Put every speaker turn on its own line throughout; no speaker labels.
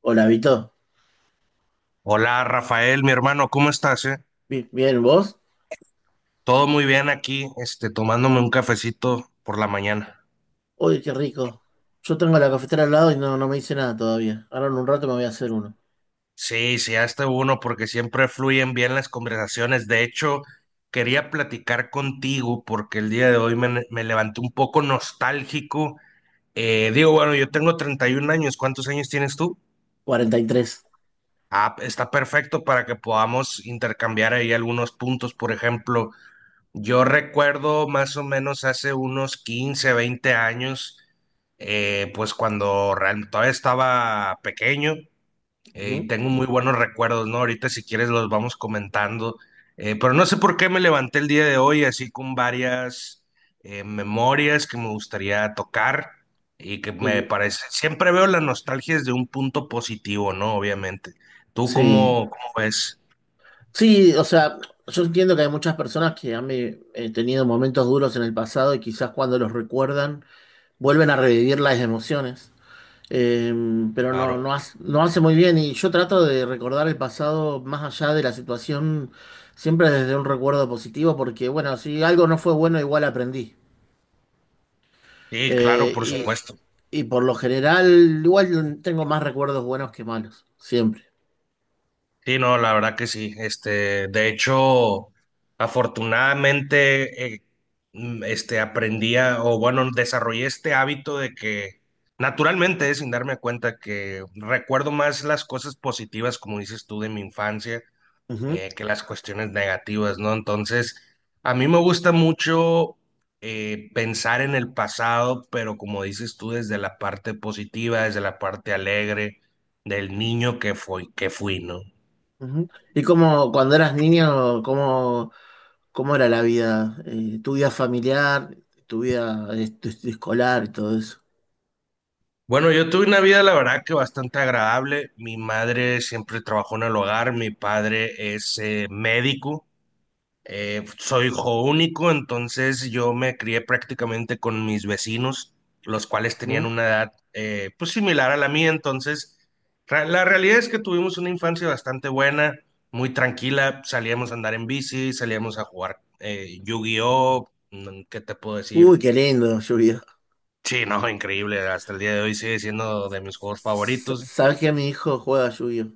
Hola, Vito.
Hola Rafael, mi hermano, ¿cómo estás,
Bien, ¿vos?
Todo muy bien aquí, tomándome un cafecito por la mañana.
Oye, qué rico. Yo tengo la cafetera al lado y no, no me hice nada todavía. Ahora en un rato me voy a hacer uno.
Sí, sí, hasta uno, porque siempre fluyen bien las conversaciones. De hecho, quería platicar contigo porque el día de hoy me levanté un poco nostálgico. Digo, bueno, yo tengo 31 años, ¿cuántos años tienes tú?
43.
Ah, está perfecto para que podamos intercambiar ahí algunos puntos, por ejemplo. Yo recuerdo más o menos hace unos 15, 20 años, pues cuando todavía estaba pequeño, y
Ujú.
tengo muy buenos recuerdos, ¿no? Ahorita si quieres los vamos comentando. Pero no sé por qué me levanté el día de hoy así con varias memorias que me gustaría tocar y que me
Y
parece, siempre veo la nostalgia desde un punto positivo, ¿no? Obviamente. ¿Tú
sí.
cómo, cómo ves?
Sí, o sea, yo entiendo que hay muchas personas que han tenido momentos duros en el pasado y quizás cuando los recuerdan vuelven a revivir las emociones. Eh, pero
Claro.
no hace muy bien. Y yo trato de recordar el pasado más allá de la situación, siempre desde un recuerdo positivo, porque bueno, si algo no fue bueno, igual aprendí.
Sí, claro,
Eh,
por
y,
supuesto.
y por lo general, igual tengo más recuerdos buenos que malos, siempre.
Sí, no, la verdad que sí. Este, de hecho, afortunadamente, este, o bueno, desarrollé este hábito de que naturalmente, sin darme cuenta, que recuerdo más las cosas positivas, como dices tú, de mi infancia,
Ujú.
que las cuestiones negativas, ¿no? Entonces, a mí me gusta mucho pensar en el pasado, pero como dices tú, desde la parte positiva, desde la parte alegre del niño que fui, ¿no?
Ujú. ¿Y cómo, cuando eras niño, cómo era la vida? Tu vida familiar, tu vida escolar y todo eso.
Bueno, yo tuve una vida, la verdad, que bastante agradable. Mi madre siempre trabajó en el hogar, mi padre es médico. Soy hijo único, entonces yo me crié prácticamente con mis vecinos, los cuales tenían
Ujú.
una edad, pues similar a la mía, entonces la realidad es que tuvimos una infancia bastante buena, muy tranquila, salíamos a andar en bici, salíamos a jugar, Yu-Gi-Oh. ¿Qué te puedo
Uy,
decir?
qué lindo, lluvia.
Sí, no, increíble. Hasta el día de hoy sigue siendo de mis juegos favoritos.
¿Sabes que mi hijo juega lluvia?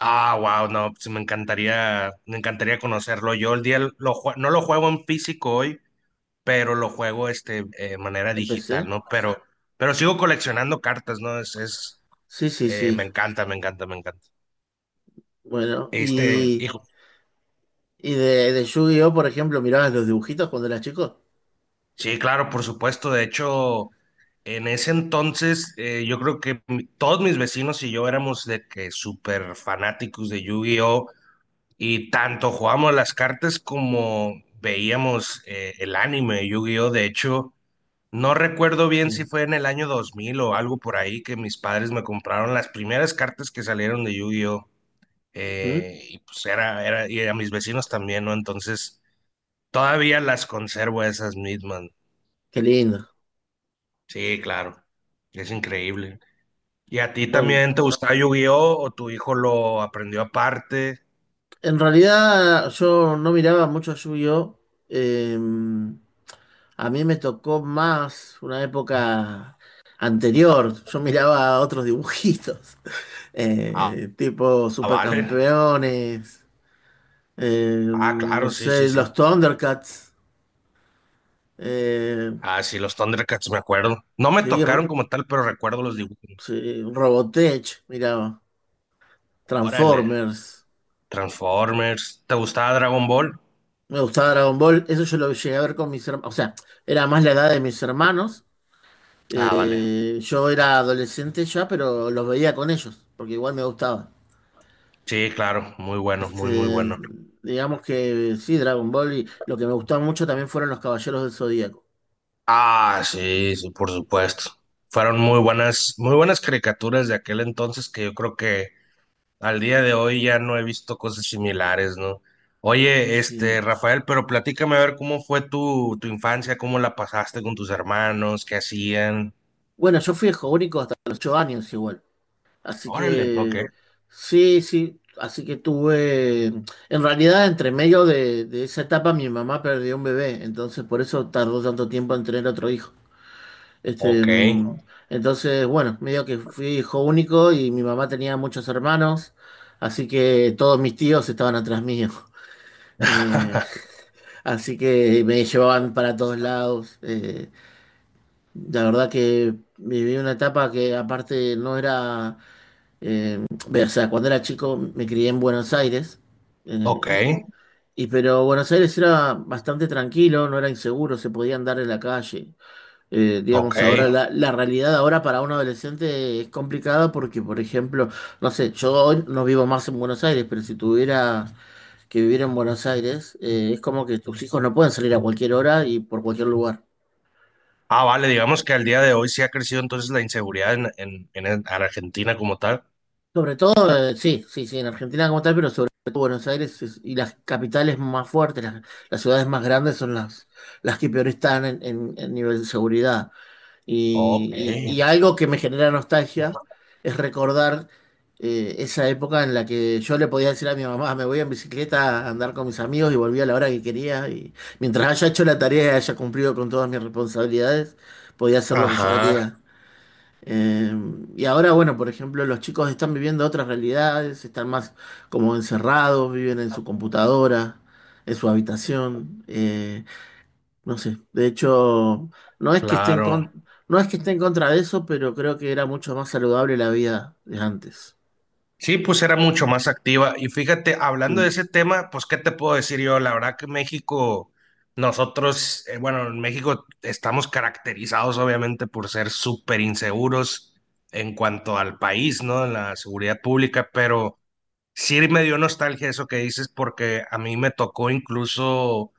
Ah, wow, no, pues me encantaría conocerlo. Yo el día no lo juego en físico hoy, pero lo juego este, manera
¿Empecé?
digital, ¿no? Pero sigo coleccionando cartas, ¿no? Es
Sí, sí, sí.
me encanta, me encanta, me encanta.
Bueno,
Este,
y,
hijo,
y de Yu-Gi-Oh, por ejemplo, ¿mirabas los dibujitos cuando eras chico?
sí, claro, por supuesto. De hecho, en ese entonces, yo creo que todos mis vecinos y yo éramos de que súper fanáticos de Yu-Gi-Oh! Y tanto jugábamos las cartas como veíamos, el anime de Yu-Gi-Oh! De hecho, no recuerdo bien si
Sí.
fue en el año 2000 o algo por ahí que mis padres me compraron las primeras cartas que salieron de Yu-Gi-Oh!
Ujú.
Y pues y a mis vecinos también, ¿no? Entonces, todavía las conservo esas mismas.
Qué lindo.
Sí, claro, es increíble. ¿Y a ti también te gustaba Yu-Gi-Oh! O tu hijo lo aprendió aparte?
En realidad yo no miraba mucho Yu-Gi-Oh! Eh, a mí me tocó más una época anterior. Yo miraba otros dibujitos,
Ah,
tipo
ah, vale.
Supercampeones,
Ah,
no
claro, sí, sí,
sé,
sí.
los Thundercats, eh,
Ah, sí, los Thundercats, me acuerdo. No me
sí,
tocaron
ro-
como tal, pero recuerdo los dibujos.
sí, Robotech, miraba,
Órale,
Transformers.
Transformers. ¿Te gustaba Dragon Ball?
Me gustaba Dragon Ball, eso yo lo llegué a ver con mis hermanos, o sea, era más la edad de mis hermanos.
Ah, vale.
Yo era adolescente ya, pero los veía con ellos, porque igual me gustaba.
Sí, claro, muy bueno, muy, muy
Este,
bueno.
digamos que sí, Dragon Ball y lo que me gustaba mucho también fueron los Caballeros del Zodíaco.
Ah, sí, sí, por supuesto. Fueron muy buenas caricaturas de aquel entonces que yo creo que al día de hoy ya no he visto cosas similares, ¿no? Oye, este,
Sí.
Rafael, pero platícame a ver cómo fue tu infancia, cómo la pasaste con tus hermanos, qué hacían.
Bueno, yo fui hijo único hasta los 8 años igual. Así
Órale, ok,
que sí, sí, en realidad entre medio de esa etapa mi mamá perdió un bebé, entonces por eso tardó tanto tiempo en tener otro hijo. Este,
ok.
mm, entonces, bueno, medio que fui hijo único y mi mamá tenía muchos hermanos, así que todos mis tíos estaban atrás mío. Eh, Así que me llevaban para todos lados. La verdad que viví una etapa que aparte no era, eh, o sea, cuando era chico me crié en Buenos Aires.
Ok,
eh, pero Buenos Aires era bastante tranquilo, no era inseguro, se podía andar en la calle.
ok.
Digamos, ahora la realidad ahora para un adolescente es complicada porque, por ejemplo, no sé, yo hoy no vivo más en Buenos Aires, pero si tuviera que vivir en Buenos Aires, es como que tus hijos no pueden salir a cualquier hora y por cualquier lugar.
Ah, vale, digamos que al día de hoy sí ha crecido entonces la inseguridad en Argentina como tal.
Sobre todo, sí, sí, sí, en Argentina como tal, pero sobre todo y las capitales más fuertes, las ciudades más grandes son las que peor están en nivel de seguridad.
Ok,
Y algo que me genera nostalgia es recordar esa época en la que yo le podía decir a mi mamá, me voy en bicicleta a andar con mis amigos y volví a la hora que quería. Y mientras haya hecho la tarea y haya cumplido con todas mis responsabilidades, podía hacer lo que yo
ajá,
quería. Eh, Ahora, bueno, por ejemplo, los chicos están viviendo otras realidades, están más como encerrados, viven en su computadora, en su habitación, no sé. De hecho, no es que esté en
claro.
con- no es que esté en contra de eso, pero creo que era mucho más saludable la vida de antes.
Sí, pues era mucho más activa. Y fíjate, hablando de
Sí.
ese tema, pues, ¿qué te puedo decir yo? La verdad que México, nosotros, bueno, en México estamos caracterizados obviamente por ser súper inseguros en cuanto al país, ¿no? En la seguridad pública, pero sí me dio nostalgia eso que dices porque a mí me tocó incluso,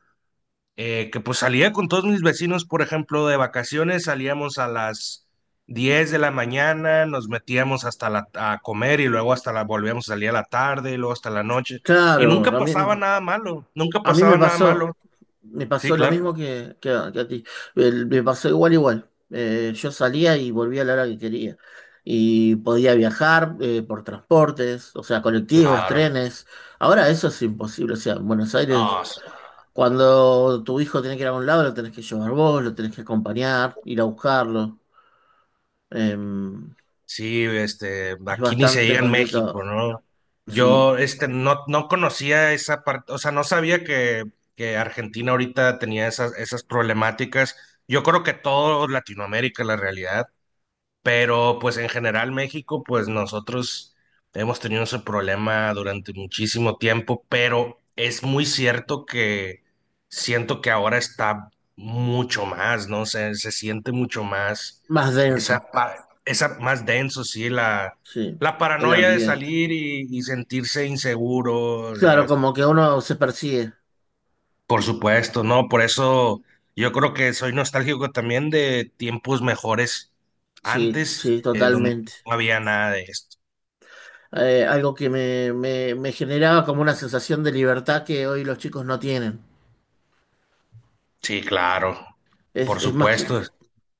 que pues salía con todos mis vecinos, por ejemplo, de vacaciones, salíamos a las 10 de la mañana, nos metíamos hasta la, a comer y luego hasta la volvíamos a salir a la tarde y luego hasta la noche. Y
Claro,
nunca
a mí,
pasaba nada malo, nunca
A mí me
pasaba nada
pasó,
malo.
me
Sí,
pasó lo mismo
claro.
que a ti. Me pasó igual, igual. Yo salía y volvía a la hora que quería. Y podía viajar por transportes, o sea, colectivos,
Claro.
trenes. Ahora eso es imposible. O sea, en Buenos Aires,
No,
cuando tu hijo tiene que ir a un lado, lo tenés que llevar vos, lo tenés que acompañar, ir a buscarlo. Em,
sí, este,
es
aquí ni se
bastante
diga en México,
complicado,
¿no?
sí.
Yo, este, no, no conocía esa parte, o sea, no sabía que Argentina ahorita tenía esas, esas problemáticas. Yo creo que todo Latinoamérica, la realidad, pero pues en general México, pues nosotros hemos tenido ese problema durante muchísimo tiempo, pero es muy cierto que siento que ahora está mucho más, ¿no? Se siente mucho más
Más denso,
esa, esa más denso, sí, la,
sí,
la
el
paranoia de
ambiente.
salir y sentirse inseguro, o
Claro,
sea,
como que uno se persigue.
por supuesto, no, por eso yo creo que soy nostálgico también de tiempos mejores
Sí,
antes,
sí,
donde
totalmente.
no había nada de esto.
Algo que me generaba como una sensación de libertad que hoy los chicos no tienen.
Sí, claro,
Es,
por
es más que,
supuesto,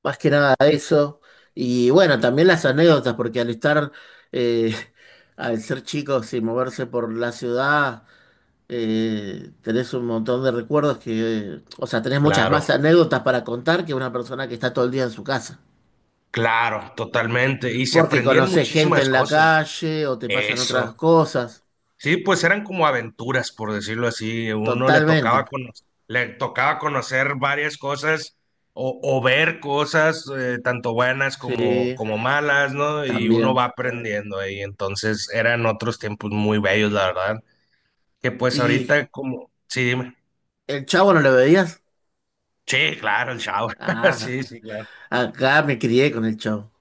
Más que nada eso. Y bueno, también las anécdotas, porque al estar, eh, al ser chicos y moverse por la ciudad, tenés un montón de recuerdos que, o sea, tenés muchas más
claro,
anécdotas para contar que una persona que está todo el día en su casa.
claro, totalmente. Y se
Porque
aprendían
conocés gente
muchísimas
en la
cosas.
calle o te pasan otras
Eso.
cosas.
Sí, pues eran como aventuras, por decirlo así. Uno le
Totalmente.
tocaba le tocaba conocer varias cosas o ver cosas, tanto buenas como,
Sí.
como malas, ¿no? Y uno
También.
va aprendiendo ahí. Entonces eran otros tiempos muy bellos, la verdad. Que pues
¿Y
ahorita como, sí, dime.
el Chavo no lo veías?
Sí, claro, el shower.
Ah,
Sí, sí, claro.
acá me crié con el Chavo.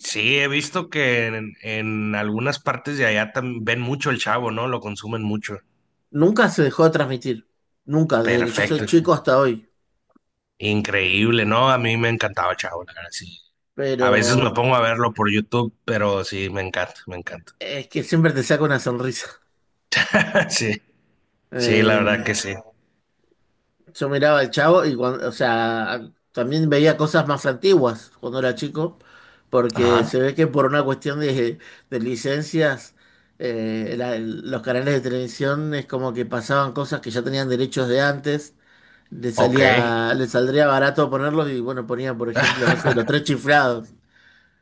Sí, he visto que en algunas partes de allá también ven mucho el chavo, ¿no? Lo consumen mucho.
Nunca se dejó de transmitir. Nunca, desde que yo soy
Perfecto.
chico hasta hoy.
Increíble, ¿no? A mí me encantaba Chavo, la verdad, sí.
Pero
A veces me pongo a verlo por YouTube, pero sí, me encanta, me encanta.
es que siempre te saca una sonrisa.
Sí, sí, la verdad
Eh,
que sí.
yo miraba al Chavo y cuando, o sea, también veía cosas más antiguas cuando era chico, porque
Ajá,
se ve que por una cuestión de licencias, los canales de televisión es como que pasaban cosas que ya tenían derechos de antes. Le
ok.
salía, le saldría barato ponerlos y bueno, ponía, por ejemplo, no sé, los tres chiflados.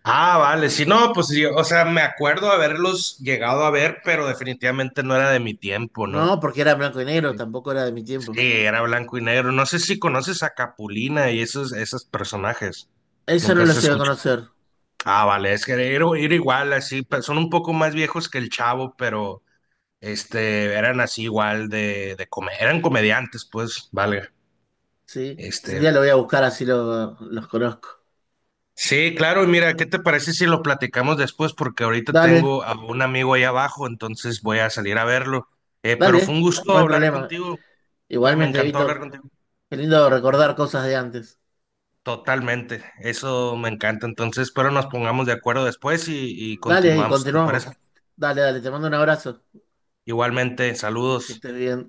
Ah, vale, sí, no, pues yo, o sea, me acuerdo haberlos llegado a ver, pero definitivamente no era de mi tiempo, ¿no?
No, porque era blanco y negro, tampoco era de mi
Sí,
tiempo.
era blanco y negro. No sé si conoces a Capulina y esos, esos personajes.
Eso no
Nunca
lo
se
llegué a
escuchado.
conocer,
Ah, vale, es que era, era igual, así, son un poco más viejos que el Chavo, pero este, eran así igual de, eran comediantes, pues, valga.
¿sí?
Este,
Un día lo voy a buscar así los conozco.
sí, claro, y mira, ¿qué te parece si lo platicamos después? Porque ahorita
Dale,
tengo a un amigo ahí abajo, entonces voy a salir a verlo. Pero fue
dale,
un
no
gusto
hay
hablar
problema.
contigo, pues me
Igualmente,
encantó
Vito,
hablar contigo.
qué lindo recordar cosas de antes.
Totalmente, eso me encanta. Entonces, espero nos pongamos de acuerdo después y
Dale, y
continuamos, ¿te parece?
continuamos. Dale, dale, te mando un abrazo.
Igualmente,
Que
saludos.
estés bien.